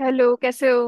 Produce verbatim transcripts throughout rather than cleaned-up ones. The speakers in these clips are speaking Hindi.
हेलो, कैसे हो।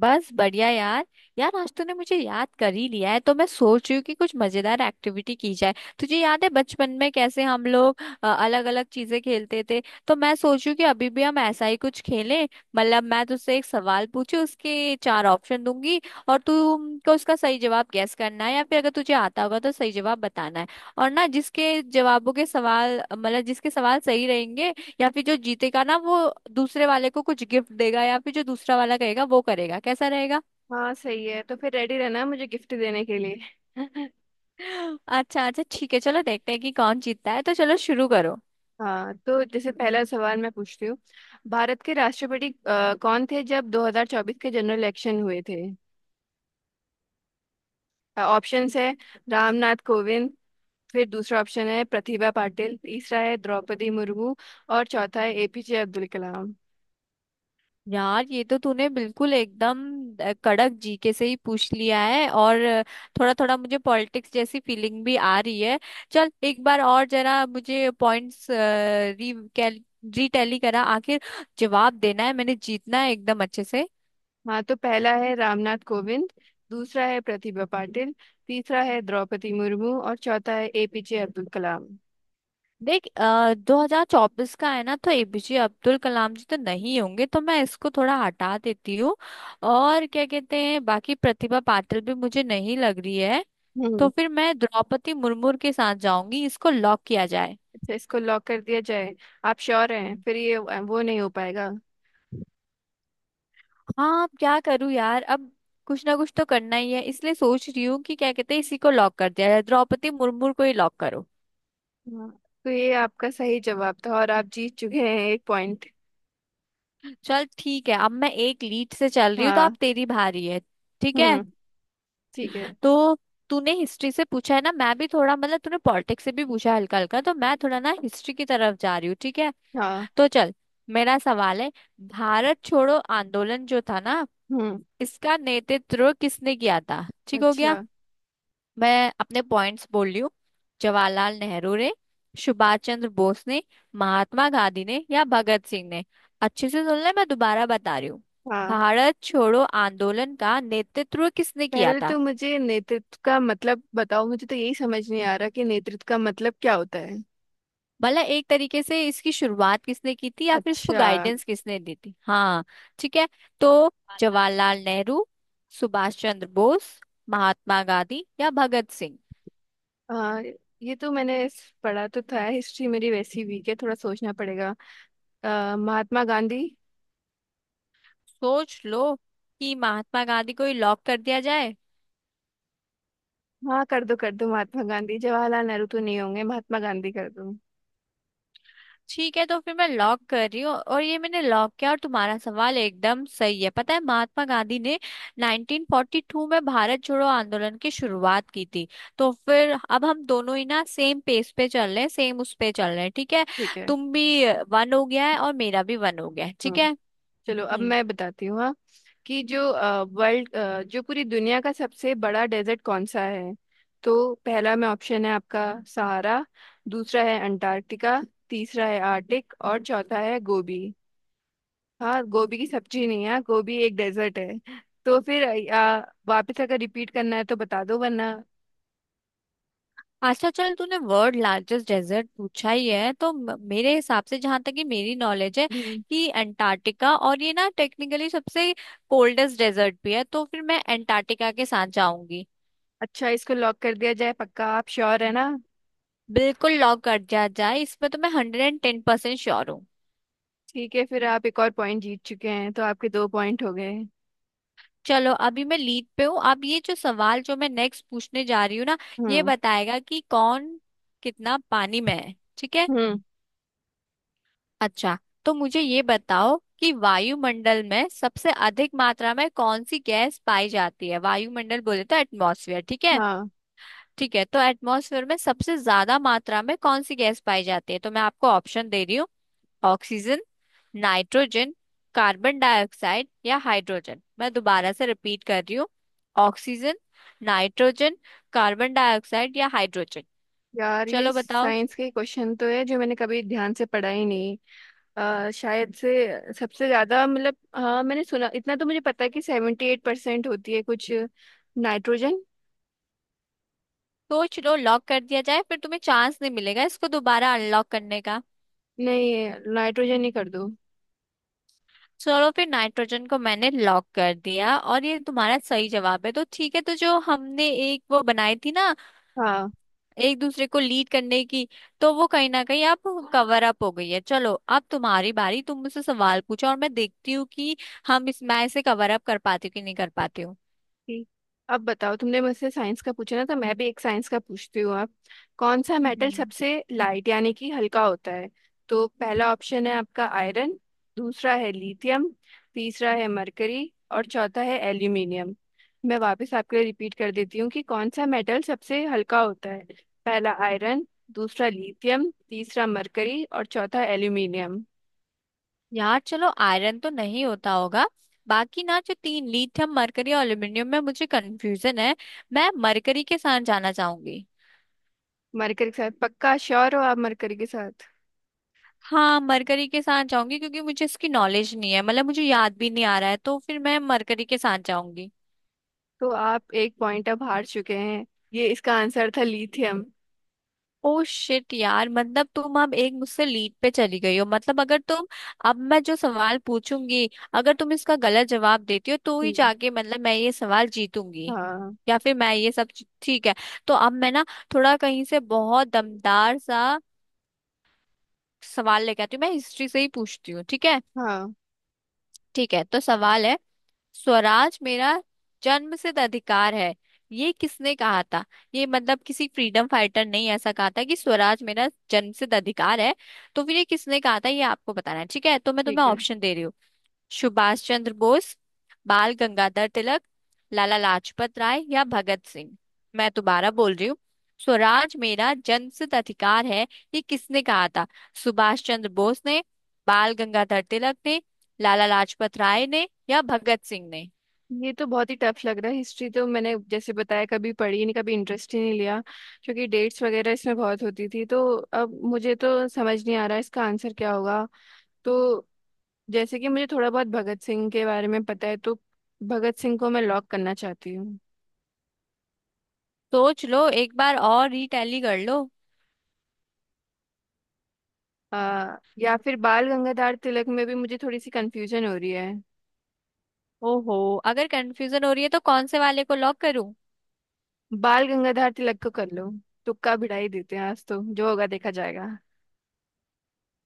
बस बढ़िया यार। यार आज तूने मुझे याद कर ही लिया है, तो मैं सोच रही हूँ कि कुछ मजेदार एक्टिविटी की जाए। तुझे याद है बचपन में कैसे हम लोग अलग अलग चीजें खेलते थे? तो मैं सोच रही हूँ कि अभी भी हम ऐसा ही कुछ खेलें। मतलब मैं तुझसे एक सवाल पूछू, उसके चार ऑप्शन दूंगी, और तुमको उसका सही जवाब गेस करना है, या फिर अगर तुझे आता होगा तो सही जवाब बताना है। और ना जिसके जवाबों के सवाल, मतलब जिसके सवाल सही रहेंगे, या फिर जो जीतेगा ना, वो दूसरे वाले को कुछ गिफ्ट देगा, या फिर जो दूसरा वाला कहेगा वो करेगा। कैसा रहेगा? हाँ सही है। तो फिर रेडी रहना मुझे गिफ्ट देने के लिए। अच्छा अच्छा, ठीक है, चलो देखते हैं कि कौन जीतता है। तो चलो, शुरू करो। हाँ, तो जैसे पहला सवाल मैं पूछती हूँ। भारत के राष्ट्रपति अ, कौन थे जब दो हज़ार चौबीस के जनरल इलेक्शन हुए थे? ऑप्शंस है। रामनाथ कोविंद। फिर दूसरा ऑप्शन है प्रतिभा पाटिल। तीसरा है द्रौपदी मुर्मू और चौथा है एपीजे अब्दुल कलाम। यार, ये तो तूने बिल्कुल एकदम अ, कड़क जीके से ही पूछ लिया है। और थोड़ा थोड़ा मुझे पॉलिटिक्स जैसी फीलिंग भी आ रही है। चल एक बार और जरा मुझे पॉइंट्स री रिटैली करा आखिर। जवाब देना है, मैंने जीतना है एकदम अच्छे से। हाँ, तो पहला है रामनाथ कोविंद। दूसरा है प्रतिभा पाटिल। तीसरा है द्रौपदी मुर्मू और चौथा है एपीजे अब्दुल कलाम। देख आ, दो हजार चौबीस का है ना, तो एपीजे अब्दुल कलाम जी तो नहीं होंगे, तो मैं इसको थोड़ा हटा देती हूँ। और क्या कहते हैं, बाकी प्रतिभा पाटिल भी मुझे नहीं लग रही है। तो हम्म फिर मैं द्रौपदी मुर्मू के साथ जाऊंगी, इसको लॉक किया जाए। तो इसको लॉक कर दिया जाए। आप श्योर हैं? हम्म। फिर ये वो नहीं हो पाएगा। हाँ, अब क्या करूँ यार, अब कुछ ना कुछ तो करना ही है, इसलिए सोच रही हूँ कि क्या कहते हैं, इसी को लॉक कर दिया जाए। द्रौपदी मुर्मू को ही लॉक करो। हाँ। तो ये आपका सही जवाब था और आप जीत चुके हैं एक पॉइंट। चल ठीक है, अब मैं एक लीड से चल रही हूँ, तो आप हाँ। तेरी भारी है। ठीक है। हम्म। ठीक है। तो तूने हिस्ट्री से पूछा है ना, मैं भी थोड़ा, मतलब तूने पॉलिटिक्स से भी पूछा है हल्का हल्का, तो मैं थोड़ा ना हिस्ट्री की तरफ जा रही हूँ, ठीक है? हाँ। तो चल, मेरा सवाल है। भारत छोड़ो आंदोलन जो था ना, हम्म। इसका नेतृत्व किसने किया था, ठीक हो गया? अच्छा। मैं अपने पॉइंट्स बोल रही हूँ। जवाहरलाल नेहरू ने, सुभाष चंद्र बोस ने, महात्मा गांधी ने, या भगत सिंह ने। अच्छे से सुन ले, मैं दोबारा बता रही हूँ। हाँ। भारत छोड़ो आंदोलन का नेतृत्व किसने किया पहले था? तो मुझे नेतृत्व का मतलब बताओ। मुझे तो यही समझ नहीं आ रहा कि नेतृत्व का मतलब क्या होता है। भला एक तरीके से इसकी शुरुआत किसने की थी, या फिर इसको अच्छा। गाइडेंस किसने दी थी, हाँ? ठीक है तो, जवाहरलाल नेहरू, सुभाष चंद्र बोस, महात्मा गांधी या भगत सिंह। आ, ये तो मैंने इस- पढ़ा तो था। हिस्ट्री मेरी वैसी वीक है, थोड़ा सोचना पड़ेगा। आ, महात्मा गांधी। सोच लो कि महात्मा गांधी को ही लॉक कर दिया जाए। हाँ, कर दो कर दो। महात्मा गांधी। जवाहरलाल नेहरू तो नहीं होंगे। महात्मा गांधी कर दो। ठीक है, तो फिर मैं लॉक कर रही हूँ, और ये मैंने लॉक किया, और तुम्हारा सवाल एकदम सही है। पता है, महात्मा गांधी ने नाइनटीन फोर्टी टू में भारत छोड़ो आंदोलन की शुरुआत की थी। तो फिर अब हम दोनों ही ना सेम पेज पे चल रहे हैं, सेम उस पे चल रहे हैं, ठीक है? ठीक है। तुम भी वन हो गया है और मेरा भी वन हो गया है, हाँ, ठीक है। चलो अब हम्म। मैं बताती हूँ। हाँ। कि जो वर्ल्ड जो पूरी दुनिया का सबसे बड़ा डेजर्ट कौन सा है? तो पहला में ऑप्शन है आपका। सहारा। दूसरा है अंटार्कटिका। तीसरा है आर्टिक और चौथा है गोबी। हाँ, गोबी की सब्जी नहीं है, गोबी एक डेजर्ट है। तो फिर आ, वापस अगर रिपीट करना है तो बता दो, वरना। अच्छा चल, तूने वर्ल्ड लार्जेस्ट डेजर्ट पूछा ही है, तो म- मेरे हिसाब से, जहां तक कि मेरी नॉलेज है, हम्म। कि अंटार्कटिका, और ये ना टेक्निकली सबसे कोल्डेस्ट डेजर्ट भी है, तो फिर मैं अंटार्कटिका के साथ जाऊंगी। अच्छा, इसको लॉक कर दिया जाए? पक्का आप श्योर है ना? बिल्कुल लॉक कर दिया जाए, इसमें तो मैं hundred and ten percent sure हूँ। ठीक है, फिर आप एक और पॉइंट जीत चुके हैं। तो आपके दो पॉइंट हो गए। चलो, अभी मैं लीड पे हूँ। अब ये जो सवाल जो मैं नेक्स्ट पूछने जा रही हूँ ना, ये हम्म। बताएगा कि कौन कितना पानी में है, ठीक है? हम्म। अच्छा, तो मुझे ये बताओ कि वायुमंडल में सबसे अधिक मात्रा में कौन सी गैस पाई जाती है? वायुमंडल बोले तो एटमॉस्फेयर, ठीक है? हाँ। ठीक है, तो एटमॉस्फेयर में सबसे ज्यादा मात्रा में कौन सी गैस पाई जाती है? तो मैं आपको ऑप्शन दे रही हूँ। ऑक्सीजन, नाइट्रोजन, कार्बन डाइऑक्साइड या हाइड्रोजन। मैं दोबारा से रिपीट कर रही हूँ। ऑक्सीजन, नाइट्रोजन, कार्बन डाइऑक्साइड या हाइड्रोजन। यार, ये चलो, बताओ। साइंस के क्वेश्चन तो है जो मैंने कभी ध्यान से पढ़ा ही नहीं। अ, शायद से सबसे ज्यादा, मतलब, हाँ मैंने सुना, इतना तो मुझे पता है कि सेवेंटी एट परसेंट होती है कुछ नाइट्रोजन। सोच लो, लॉक कर दिया जाए, फिर तुम्हें चांस नहीं मिलेगा इसको दोबारा अनलॉक करने का। नहीं, नाइट्रोजन ही कर दो। चलो फिर, नाइट्रोजन को मैंने लॉक कर दिया, और ये तुम्हारा सही जवाब है, तो ठीक है। तो जो हमने एक वो बनाई थी ना, हाँ। एक दूसरे को लीड करने की, तो वो कहीं ना कहीं अब कवर अप हो गई है। चलो, अब तुम्हारी बारी, तुम मुझसे सवाल पूछो, और मैं देखती हूँ कि हम इस मैं इसे कवर अप कर पाती हूँ कि नहीं कर पाती हूँ। ठीक। अब बताओ, तुमने मुझसे साइंस का पूछा ना? तो मैं भी एक साइंस का पूछती हूँ आप। कौन सा मेटल हम्म। सबसे लाइट, यानी कि हल्का होता है? तो पहला ऑप्शन है आपका। आयरन। दूसरा है लिथियम। तीसरा है मरकरी और चौथा है एल्यूमिनियम। मैं वापस आपके लिए रिपीट कर देती हूँ कि कौन सा मेटल सबसे हल्का होता है। पहला आयरन। दूसरा लिथियम। तीसरा मरकरी और चौथा एल्यूमिनियम। यार चलो, आयरन तो नहीं होता होगा। बाकी ना जो तीन लीड थे, मरकरी और एल्यूमिनियम में मुझे कंफ्यूजन है। मैं मरकरी के साथ जाना चाहूंगी। मरकरी के साथ? पक्का श्योर हो आप मरकरी के साथ? हाँ, मरकरी के साथ जाऊंगी, क्योंकि मुझे इसकी नॉलेज नहीं है, मतलब मुझे याद भी नहीं आ रहा है, तो फिर मैं मरकरी के साथ जाऊंगी। तो आप एक पॉइंट अब हार चुके हैं। ये इसका आंसर था लिथियम। ओ शिट यार, मतलब तुम अब एक मुझसे लीड पे चली गई हो। मतलब अगर तुम, अब मैं जो सवाल पूछूंगी, अगर तुम इसका गलत जवाब देती हो, तो ही हम्म। जाके मतलब मैं ये सवाल जीतूंगी। हाँ। या फिर मैं ये सब चीज- ठीक है। तो अब मैं ना थोड़ा कहीं से बहुत दमदार सा सवाल लेके आती हूँ। मैं हिस्ट्री से ही पूछती हूँ, ठीक है? हाँ। ठीक है, तो सवाल है, स्वराज मेरा जन्मसिद्ध अधिकार है, ये किसने कहा था? ये मतलब किसी फ्रीडम फाइटर ने ही ऐसा कहा था कि स्वराज मेरा जन्मसिद्ध अधिकार है। तो फिर ये किसने कहा था, ये आपको बताना है, ठीक है? तो मैं तुम्हें ठीक है। ऑप्शन दे रही हूँ। सुभाष चंद्र बोस, बाल गंगाधर तिलक, लाला लाजपत राय या भगत सिंह। मैं दोबारा बोल रही हूँ। स्वराज मेरा जन्मसिद्ध अधिकार है, ये किसने कहा था? सुभाष चंद्र बोस ने, बाल गंगाधर तिलक ने, लाला लाजपत राय ने या भगत सिंह ने। ये तो बहुत ही टफ लग रहा है। हिस्ट्री तो मैंने, जैसे बताया, कभी पढ़ी नहीं, कभी इंटरेस्ट ही नहीं लिया। क्योंकि डेट्स वगैरह इसमें बहुत होती थी, तो अब मुझे तो समझ नहीं आ रहा इसका आंसर क्या होगा। तो जैसे कि मुझे थोड़ा बहुत भगत सिंह के बारे में पता है तो। भगत सिंह को मैं लॉक करना चाहती हूँ। सोच लो एक बार और, रीटैली कर लो। आ, या फिर बाल गंगाधर तिलक में भी मुझे थोड़ी सी कंफ्यूजन हो रही है। ओहो, अगर कंफ्यूजन हो रही है, तो कौन से वाले को लॉक करूं? बाल गंगाधर तिलक को कर लो। तुक्का भिड़ाई देते हैं, आज तो जो होगा देखा जाएगा।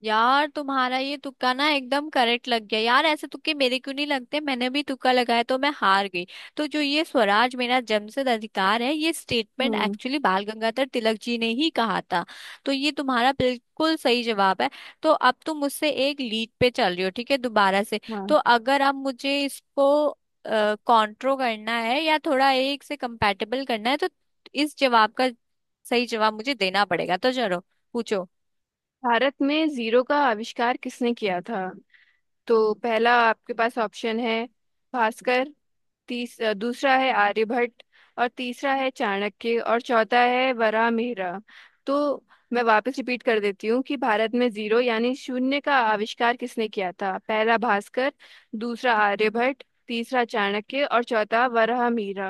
यार तुम्हारा ये तुक्का ना एकदम करेक्ट लग गया। यार ऐसे तुक्के मेरे क्यों नहीं लगते? मैंने भी तुक्का लगाया तो मैं हार गई। तो जो ये स्वराज मेरा जन्मसिद्ध अधिकार है, ये स्टेटमेंट हम्म। एक्चुअली बाल गंगाधर तिलक जी ने ही कहा था, तो ये तुम्हारा बिल्कुल सही जवाब है। तो अब तुम मुझसे एक लीड पे चल रही हो, ठीक है, दोबारा से। हाँ। तो अगर अब मुझे इसको कॉन्ट्रो करना है, या थोड़ा एक से कंपैटिबल करना है, तो इस जवाब का सही जवाब मुझे देना पड़ेगा, तो चलो, पूछो। भारत में जीरो का आविष्कार किसने किया था? तो पहला आपके पास ऑप्शन है भास्कर। तीस अ, दूसरा है आर्यभट्ट और तीसरा है चाणक्य और चौथा है वराहमिहिर। तो मैं वापस रिपीट कर देती हूँ कि भारत में जीरो यानी शून्य का आविष्कार किसने किया था? पहला भास्कर। दूसरा आर्यभट्ट। तीसरा चाणक्य और चौथा वराहमिहिर।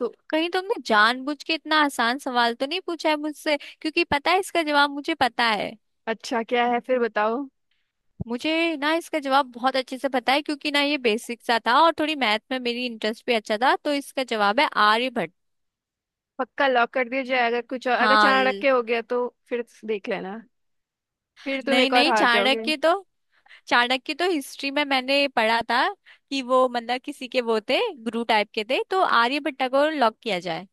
तो? कहीं तुमने जानबूझ के इतना आसान सवाल तो नहीं पूछा है मुझसे, क्योंकि पता है इसका जवाब मुझे पता है। अच्छा, क्या है फिर बताओ? मुझे ना इसका जवाब बहुत अच्छे से पता है, क्योंकि ना ये बेसिक सा था, और थोड़ी मैथ में मेरी इंटरेस्ट भी अच्छा था, तो इसका जवाब है आर्यभट्ट। पक्का लॉक कर दिया जाए? अगर कुछ और, अगर हाँ चाणक्य ल- के हो गया तो फिर देख लेना। फिर तुम नहीं एक और नहीं, हार जाओगे। चाणक्य तो चाणक्य तो हिस्ट्री में मैंने पढ़ा था कि वो, मतलब किसी के वो थे, गुरु टाइप के थे। तो आर्यभट्ट को लॉक किया जाए।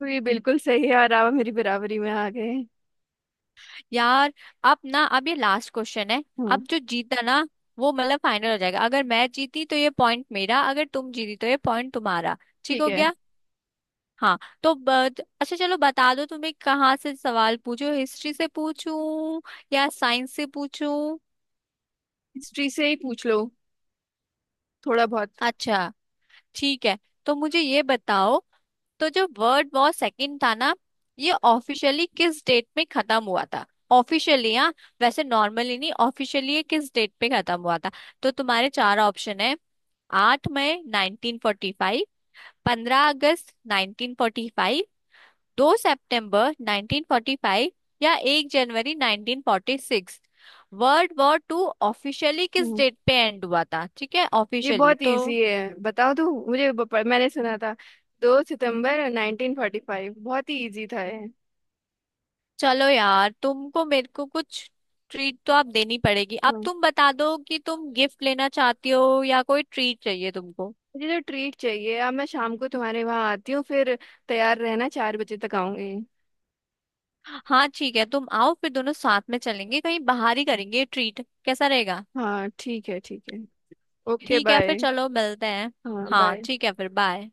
तो ये बिल्कुल सही है और आप मेरी बराबरी में आ गए। यार, अब ना अब ये लास्ट क्वेश्चन है। हम्म। अब जो जीता ना, वो मतलब फाइनल हो जाएगा। अगर मैं जीती तो ये पॉइंट मेरा, अगर तुम जीती तो ये पॉइंट तुम्हारा, ठीक ठीक हो है। गया? हाँ। तो ब- अच्छा चलो, बता दो तुम्हें कहाँ से सवाल पूछो, हिस्ट्री से पूछूं या साइंस से पूछूं? हिस्ट्री से ही पूछ लो, थोड़ा बहुत। अच्छा, ठीक है, तो मुझे ये बताओ। तो जो वर्ल्ड वॉर सेकंड था ना, ये ऑफिशियली किस डेट में खत्म हुआ था? ऑफिशियली हाँ, वैसे नॉर्मली नहीं, ऑफिशियली ये किस डेट पे खत्म हुआ था? तो तुम्हारे चार ऑप्शन है। आठ मई नाइनटीन फोर्टी फाइव, पंद्रह अगस्त नाइनटीन फोर्टी फाइव, दो सितंबर नाइनटीन फोर्टी फाइव या एक जनवरी nineteen forty six. World war two officially किस हम्म डेट पे एंड हुआ था, ठीक है, ये ऑफिशियली बहुत तो? इजी है, बताओ तो मुझे ब- प- मैंने सुना था। दो सितंबर नाइनटीन फोर्टी फाइव। बहुत ही इजी था ये। चलो यार, तुमको मेरे को कुछ ट्रीट तो आप देनी पड़ेगी। अब हम्म तुम बता दो कि तुम गिफ्ट लेना चाहती हो, या कोई ट्रीट चाहिए तुमको। मुझे तो ट्रीट चाहिए। अब मैं शाम को तुम्हारे वहाँ आती हूँ फिर। तैयार रहना, चार बजे तक आऊंगी। हाँ ठीक है, तुम आओ फिर, दोनों साथ में चलेंगे कहीं बाहर ही, करेंगे ट्रीट। कैसा रहेगा? हाँ, ठीक है। ठीक है। ओके, ठीक है फिर, बाय। चलो मिलते हैं। हाँ, हाँ बाय। ठीक है, फिर बाय।